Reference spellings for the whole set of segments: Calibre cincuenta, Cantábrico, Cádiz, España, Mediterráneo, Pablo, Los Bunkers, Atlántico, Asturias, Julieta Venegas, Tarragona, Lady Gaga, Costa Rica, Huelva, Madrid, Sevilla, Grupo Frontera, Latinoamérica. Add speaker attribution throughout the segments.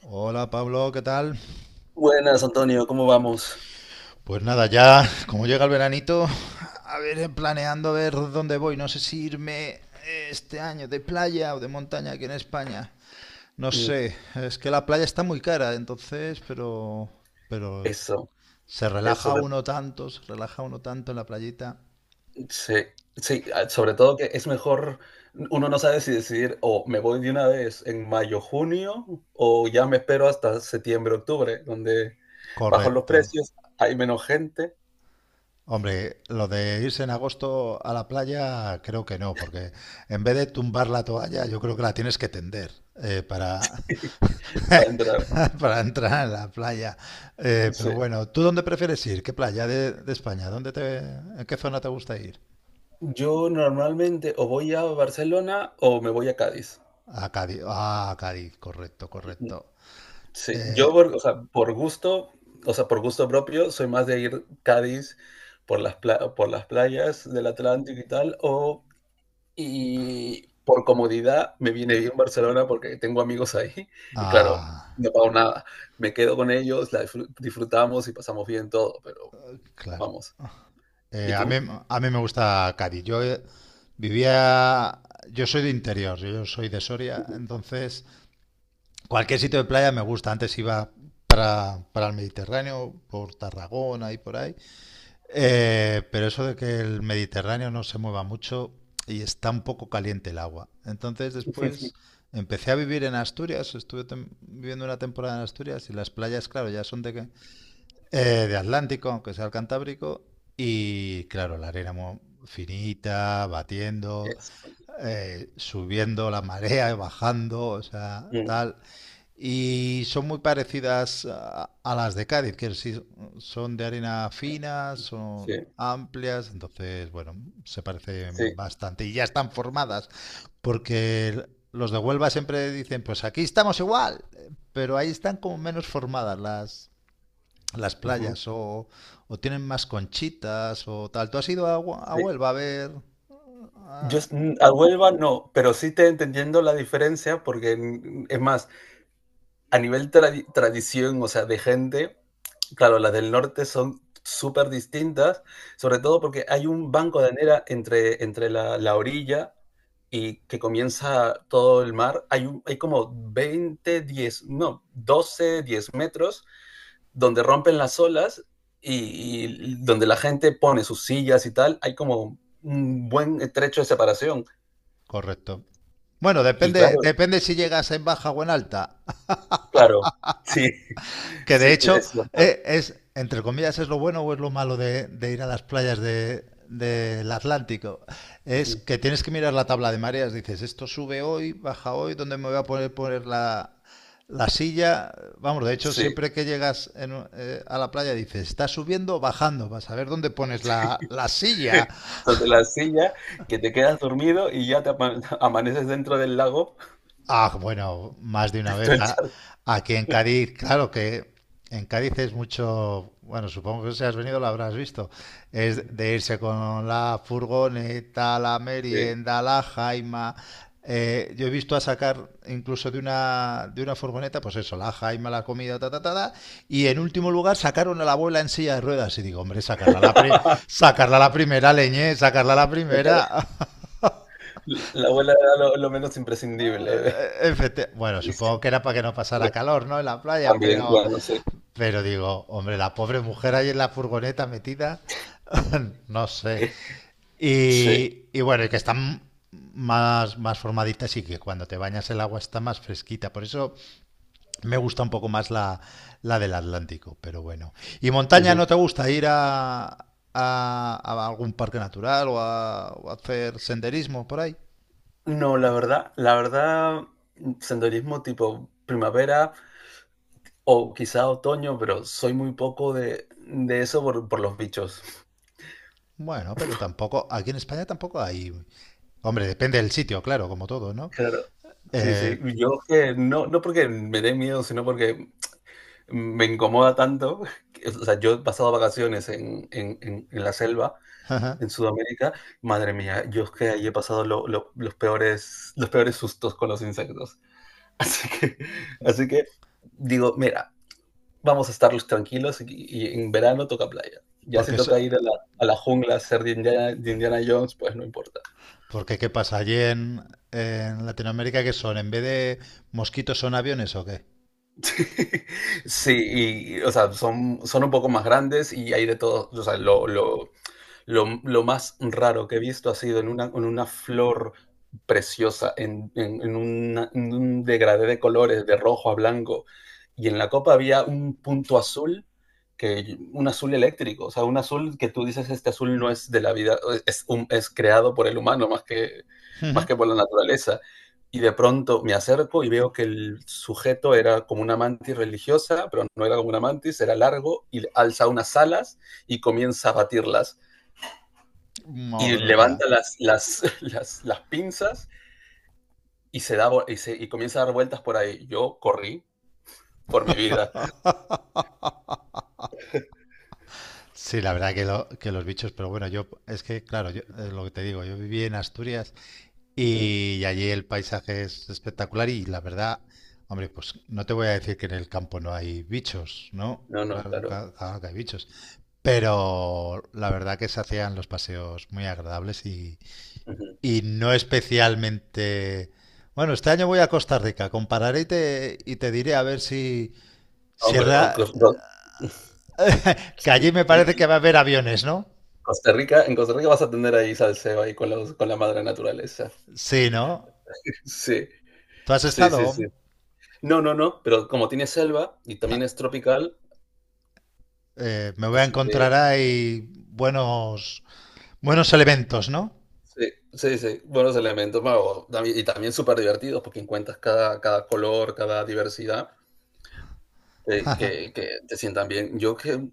Speaker 1: Hola Pablo, ¿qué tal?
Speaker 2: Buenas, Antonio, ¿cómo vamos?
Speaker 1: Pues nada, ya como llega el veranito, a ver, planeando a ver dónde voy. No sé si irme este año de playa o de montaña aquí en España. No
Speaker 2: Mm.
Speaker 1: sé, es que la playa está muy cara, entonces, pero
Speaker 2: Eso,
Speaker 1: se
Speaker 2: eso
Speaker 1: relaja
Speaker 2: de,
Speaker 1: uno tanto, se relaja uno tanto en la playita.
Speaker 2: sí, sí, ah, sobre todo que es mejor, uno no sabe si decidir: o me voy de una vez en mayo, junio, o ya me espero hasta septiembre, octubre, donde bajan los
Speaker 1: Correcto.
Speaker 2: precios, hay menos gente.
Speaker 1: Hombre, lo de irse en agosto a la playa creo que no, porque en vez de tumbar la toalla, yo creo que la tienes que tender eh, para,
Speaker 2: Para entrar.
Speaker 1: para entrar en la playa.
Speaker 2: Sí.
Speaker 1: Pero bueno, ¿tú dónde prefieres ir? ¿Qué playa de España? ¿Dónde te, en qué zona te gusta ir?
Speaker 2: Yo normalmente o voy a Barcelona o me voy a Cádiz.
Speaker 1: A Cádiz. Ah, a Cádiz, correcto, correcto.
Speaker 2: Sí,
Speaker 1: Eh,
Speaker 2: yo o sea, por gusto, o sea, por gusto propio, soy más de ir Cádiz por las, por las playas del Atlántico y tal, o y por comodidad me viene bien Barcelona porque tengo amigos ahí y claro,
Speaker 1: ah,
Speaker 2: no pago nada. Me quedo con ellos, la disfrutamos y pasamos bien todo, pero
Speaker 1: claro.
Speaker 2: vamos.
Speaker 1: Eh,
Speaker 2: ¿Y
Speaker 1: a mí,
Speaker 2: tú?
Speaker 1: a mí me gusta Cádiz. Vivía, yo soy de interior, yo soy de Soria,
Speaker 2: Ujú.
Speaker 1: entonces cualquier sitio de playa me gusta. Antes iba para el Mediterráneo, por Tarragona y por ahí. Pero eso de que el Mediterráneo no se mueva mucho y está un poco caliente el agua. Entonces después empecé a vivir en Asturias, estuve viviendo una temporada en Asturias y las playas, claro, ya son de, de Atlántico, aunque sea el Cantábrico, y claro, la arena finita, batiendo,
Speaker 2: Eso.
Speaker 1: subiendo la marea, y bajando, o sea,
Speaker 2: Mm.
Speaker 1: tal. Y son muy parecidas a las de Cádiz, que sí son de arena fina, son
Speaker 2: Sí,
Speaker 1: amplias, entonces, bueno, se parecen
Speaker 2: sí.
Speaker 1: bastante y ya están formadas, porque los de Huelva siempre dicen, pues aquí estamos igual, pero ahí están como menos formadas las
Speaker 2: Ujú.
Speaker 1: playas o tienen más conchitas o tal. ¿Tú has ido a, a
Speaker 2: Sí.
Speaker 1: Huelva a ver? Ah,
Speaker 2: A Huelva no, pero sí te entendiendo la diferencia porque es más, a nivel tradición, o sea, de gente, claro, las del norte son súper distintas, sobre todo porque hay un banco de arena entre la orilla y que comienza todo el mar, hay como 20 10, no, 12 10 metros donde rompen las olas y donde la gente pone sus sillas y tal, hay como un buen trecho de separación.
Speaker 1: correcto. Bueno,
Speaker 2: Y
Speaker 1: depende,
Speaker 2: claro,
Speaker 1: depende si llegas en baja o en alta.
Speaker 2: claro, sí,
Speaker 1: Que de
Speaker 2: sí,
Speaker 1: hecho
Speaker 2: es cierto.
Speaker 1: entre comillas, es lo bueno o es lo malo de ir a las playas de, del Atlántico, es
Speaker 2: Ujú.
Speaker 1: que tienes que mirar la tabla de mareas, dices, esto sube hoy, baja hoy, ¿dónde me voy a poner, poner la silla? Vamos, de hecho,
Speaker 2: Sí.
Speaker 1: siempre que llegas a la playa dices, está subiendo o bajando, vas a ver dónde pones la silla.
Speaker 2: De la silla, que te quedas dormido y ya te amaneces dentro del lago.
Speaker 1: Ah, bueno, más de una
Speaker 2: Todo
Speaker 1: vez.
Speaker 2: el
Speaker 1: Ah.
Speaker 2: charco,
Speaker 1: Aquí en Cádiz, claro que en Cádiz es mucho, bueno, supongo que si has venido lo habrás visto, es de irse con la furgoneta, la
Speaker 2: sí.
Speaker 1: merienda, la jaima. Yo he visto a sacar incluso de una furgoneta, pues eso, la jaima, la comida, ta, ta, ta, ta, y en último lugar sacaron a la abuela en silla de ruedas. Y digo, hombre, sacarla a sacarla a la primera, leñé, sacarla a la
Speaker 2: O sea, que
Speaker 1: primera.
Speaker 2: la abuela era lo menos imprescindible.
Speaker 1: Bueno,
Speaker 2: Y sí,
Speaker 1: supongo que era para que no pasara
Speaker 2: bueno,
Speaker 1: calor, ¿no? En la playa,
Speaker 2: también, bueno, sí.
Speaker 1: pero digo, hombre, la pobre mujer ahí en la furgoneta metida, no sé.
Speaker 2: Sí.
Speaker 1: Y bueno, y que están más, más formaditas y que cuando te bañas el agua está más fresquita. Por eso me gusta un poco más la del Atlántico, pero bueno. ¿Y montaña
Speaker 2: Ujú.
Speaker 1: no te gusta ir a, a algún parque natural o a hacer senderismo por ahí?
Speaker 2: No, la verdad, senderismo tipo primavera o quizá otoño, pero soy muy poco de eso por los bichos.
Speaker 1: Bueno, pero tampoco, aquí en España tampoco hay... Hombre, depende del sitio, claro, como todo, ¿no?
Speaker 2: Claro. Sí,
Speaker 1: Eh,
Speaker 2: sí. Yo que no, no porque me dé miedo, sino porque me incomoda tanto, que, o sea, yo he pasado vacaciones en la selva, en Sudamérica. Madre mía, yo es que ahí he pasado los peores sustos con los insectos. Así que, así que, digo, mira, vamos a estar tranquilos y en verano toca playa. Ya si
Speaker 1: porque, so-
Speaker 2: toca ir a la jungla a ser de Indiana Jones, pues no importa.
Speaker 1: porque, ¿qué pasa? Allí en Latinoamérica, ¿qué son? ¿En vez de mosquitos son aviones o qué?
Speaker 2: Sí, y, o sea, son un poco más grandes y hay de todo, o sea, lo más raro que he visto ha sido en una flor preciosa, en un degradé de colores, de rojo a blanco, y en la copa había un punto azul, que, un azul eléctrico, o sea, un azul que tú dices, este azul no es de la vida, o es, es creado por el humano más que, más que por la naturaleza. Y de pronto me acerco y veo que el sujeto era como una mantis religiosa, pero no era como una mantis, era largo y alza unas alas y comienza a batirlas y
Speaker 1: Madre
Speaker 2: levanta
Speaker 1: mía.
Speaker 2: las pinzas y, se da, y, y comienza a dar vueltas por ahí. Yo corrí por mi vida.
Speaker 1: Sí, la verdad que, que los bichos, pero bueno, yo es que, claro, yo, es lo que te digo, yo viví en Asturias
Speaker 2: Ujú.
Speaker 1: y allí el paisaje es espectacular y la verdad, hombre, pues no te voy a decir que en el campo no hay bichos, ¿no?
Speaker 2: No, no,
Speaker 1: Claro,
Speaker 2: claro.
Speaker 1: claro que hay bichos. Pero la verdad que se hacían los paseos muy agradables
Speaker 2: Ujú.
Speaker 1: y no especialmente... Bueno, este año voy a Costa Rica, compararé y te diré a ver si... si
Speaker 2: Hombre, bueno,
Speaker 1: rea-
Speaker 2: no.
Speaker 1: que
Speaker 2: Sí,
Speaker 1: allí me parece
Speaker 2: sí.
Speaker 1: que va a haber aviones, ¿no?
Speaker 2: Costa Rica, en Costa Rica vas a tener ahí salseo ahí con la madre naturaleza.
Speaker 1: Sí, ¿no?
Speaker 2: Sí,
Speaker 1: ¿Tú has
Speaker 2: sí, sí,
Speaker 1: estado?
Speaker 2: sí. No, no, no, pero como tiene selva y
Speaker 1: Ja,
Speaker 2: también es tropical,
Speaker 1: me voy a
Speaker 2: así que
Speaker 1: encontrar ahí buenos, buenos elementos, ¿no?
Speaker 2: sí, sí, sí, buenos elementos, bueno, y también súper divertidos porque encuentras cada color, cada diversidad. Que te sientan bien. Yo que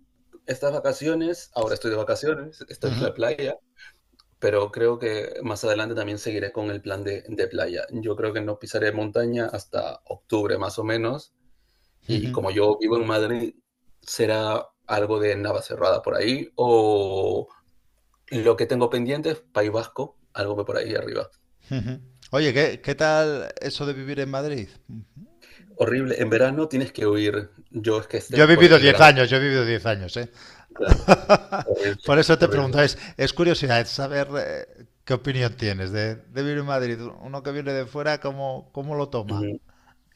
Speaker 2: estas vacaciones, ahora estoy de vacaciones, estoy en
Speaker 1: Ujú.
Speaker 2: la playa, pero creo que más adelante también seguiré con el plan de playa. Yo creo que no pisaré montaña hasta octubre, más o menos, y como yo vivo en Madrid, será algo de Navacerrada por ahí, o lo que tengo pendiente es País Vasco, algo por ahí arriba.
Speaker 1: Oye, ¿qué, qué tal eso de vivir en Madrid?
Speaker 2: Horrible, en verano tienes que huir. Yo es que este
Speaker 1: Yo he
Speaker 2: por
Speaker 1: vivido
Speaker 2: el
Speaker 1: 10
Speaker 2: verano,
Speaker 1: años, yo he vivido 10 años, ¿eh?
Speaker 2: claro, horrible,
Speaker 1: Por eso te
Speaker 2: horrible.
Speaker 1: preguntaba, es curiosidad es saber qué opinión tienes de vivir en Madrid. Uno que viene de fuera, ¿cómo, cómo lo toma?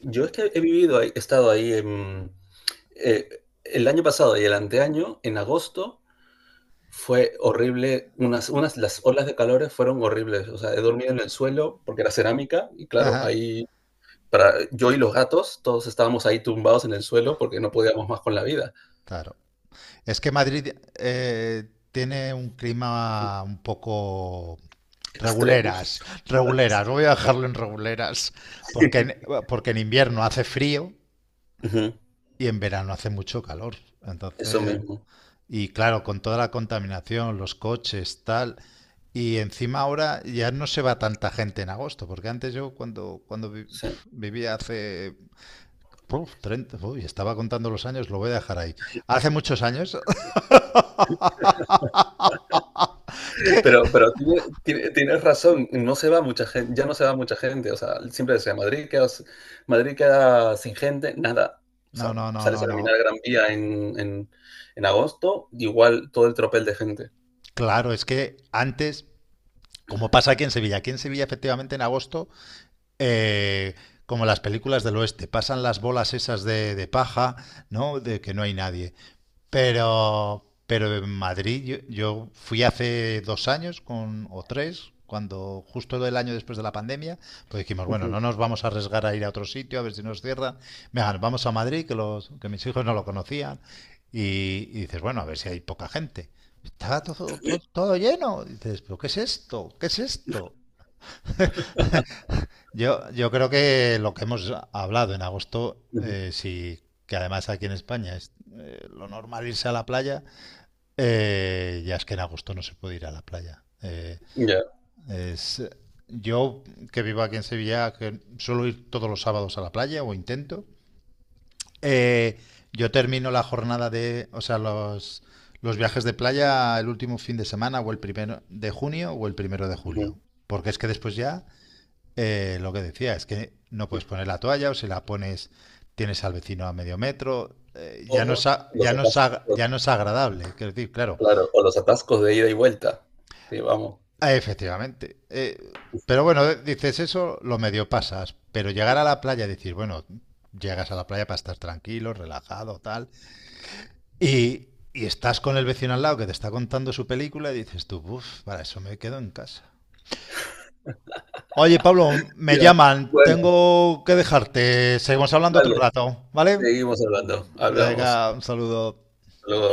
Speaker 2: Yo es que he estado ahí en, eh, el año pasado y el anteaño, en agosto, fue horrible, las olas de calores fueron horribles, o sea, he dormido en el suelo porque era cerámica y claro,
Speaker 1: Ajá.
Speaker 2: ahí para yo y los gatos, todos estábamos ahí tumbados en el suelo porque no podíamos más con la vida.
Speaker 1: Claro. Es que Madrid tiene un clima un poco reguleras,
Speaker 2: Extremos.
Speaker 1: reguleras. Voy a dejarlo en reguleras,
Speaker 2: Sí.
Speaker 1: porque en, porque en invierno hace frío
Speaker 2: Ujú.
Speaker 1: y en verano hace mucho calor.
Speaker 2: Eso
Speaker 1: Entonces,
Speaker 2: mismo,
Speaker 1: y claro, con toda la contaminación, los coches, tal. Y encima ahora ya no se va tanta gente en agosto, porque antes yo cuando, cuando
Speaker 2: sí.
Speaker 1: vivía hace puf, 30, uy, estaba contando los años, lo voy a dejar ahí. Hace muchos años que...
Speaker 2: Pero, tienes razón, no se va mucha gente, ya no se va mucha gente, o sea, siempre decía, Madrid queda sin gente, nada. O
Speaker 1: No,
Speaker 2: sea,
Speaker 1: no, no,
Speaker 2: sales
Speaker 1: no,
Speaker 2: a
Speaker 1: no.
Speaker 2: caminar Gran Vía en agosto, igual todo el tropel de gente.
Speaker 1: Claro, es que antes, como pasa aquí en Sevilla efectivamente en agosto, eh, como las películas del oeste, pasan las bolas esas de paja, ¿no? De que no hay nadie. Pero en Madrid yo, yo fui hace dos años con, o tres, cuando justo el año después de la pandemia, pues dijimos, bueno,
Speaker 2: Ujú,
Speaker 1: no nos vamos a arriesgar a ir a otro sitio, a ver si nos cierra. Venga, vamos a Madrid, que, los, que mis hijos no lo conocían. Y dices, bueno, a ver si hay poca gente. Estaba todo, todo, todo lleno. Dices, pero ¿qué es esto? ¿Qué es esto? Yo creo que lo que hemos hablado en agosto,
Speaker 2: ujú,
Speaker 1: sí, que además aquí en España es lo normal irse a la playa, ya es que en agosto no se puede ir a la playa.
Speaker 2: ya,
Speaker 1: Es, yo, que vivo aquí en Sevilla, que suelo ir todos los sábados a la playa o intento, eh, yo termino la jornada de, o sea, los viajes de playa el último fin de semana o el primero de junio o el primero de
Speaker 2: ujú.
Speaker 1: julio. Porque es que después ya, lo que decía, es que no puedes poner la toalla o si la pones tienes al vecino a medio metro,
Speaker 2: O
Speaker 1: ya,
Speaker 2: los atascos,
Speaker 1: ya no es agradable. Quiero decir, claro,
Speaker 2: claro, o los atascos de ida y vuelta, que vamos.
Speaker 1: ah, efectivamente. Pero bueno, dices eso, lo medio pasas. Pero llegar a la playa, decir, bueno, llegas a la playa para estar tranquilo, relajado, tal. Y, y estás con el vecino al lado que te está contando su película y dices tú, uff, para eso me quedo en casa. Oye, Pablo, me
Speaker 2: Ya,
Speaker 1: llaman,
Speaker 2: bueno,
Speaker 1: tengo que dejarte. Seguimos hablando otro
Speaker 2: dale,
Speaker 1: rato, ¿vale?
Speaker 2: seguimos hablando, hablamos.
Speaker 1: Venga, un saludo.
Speaker 2: Hasta luego.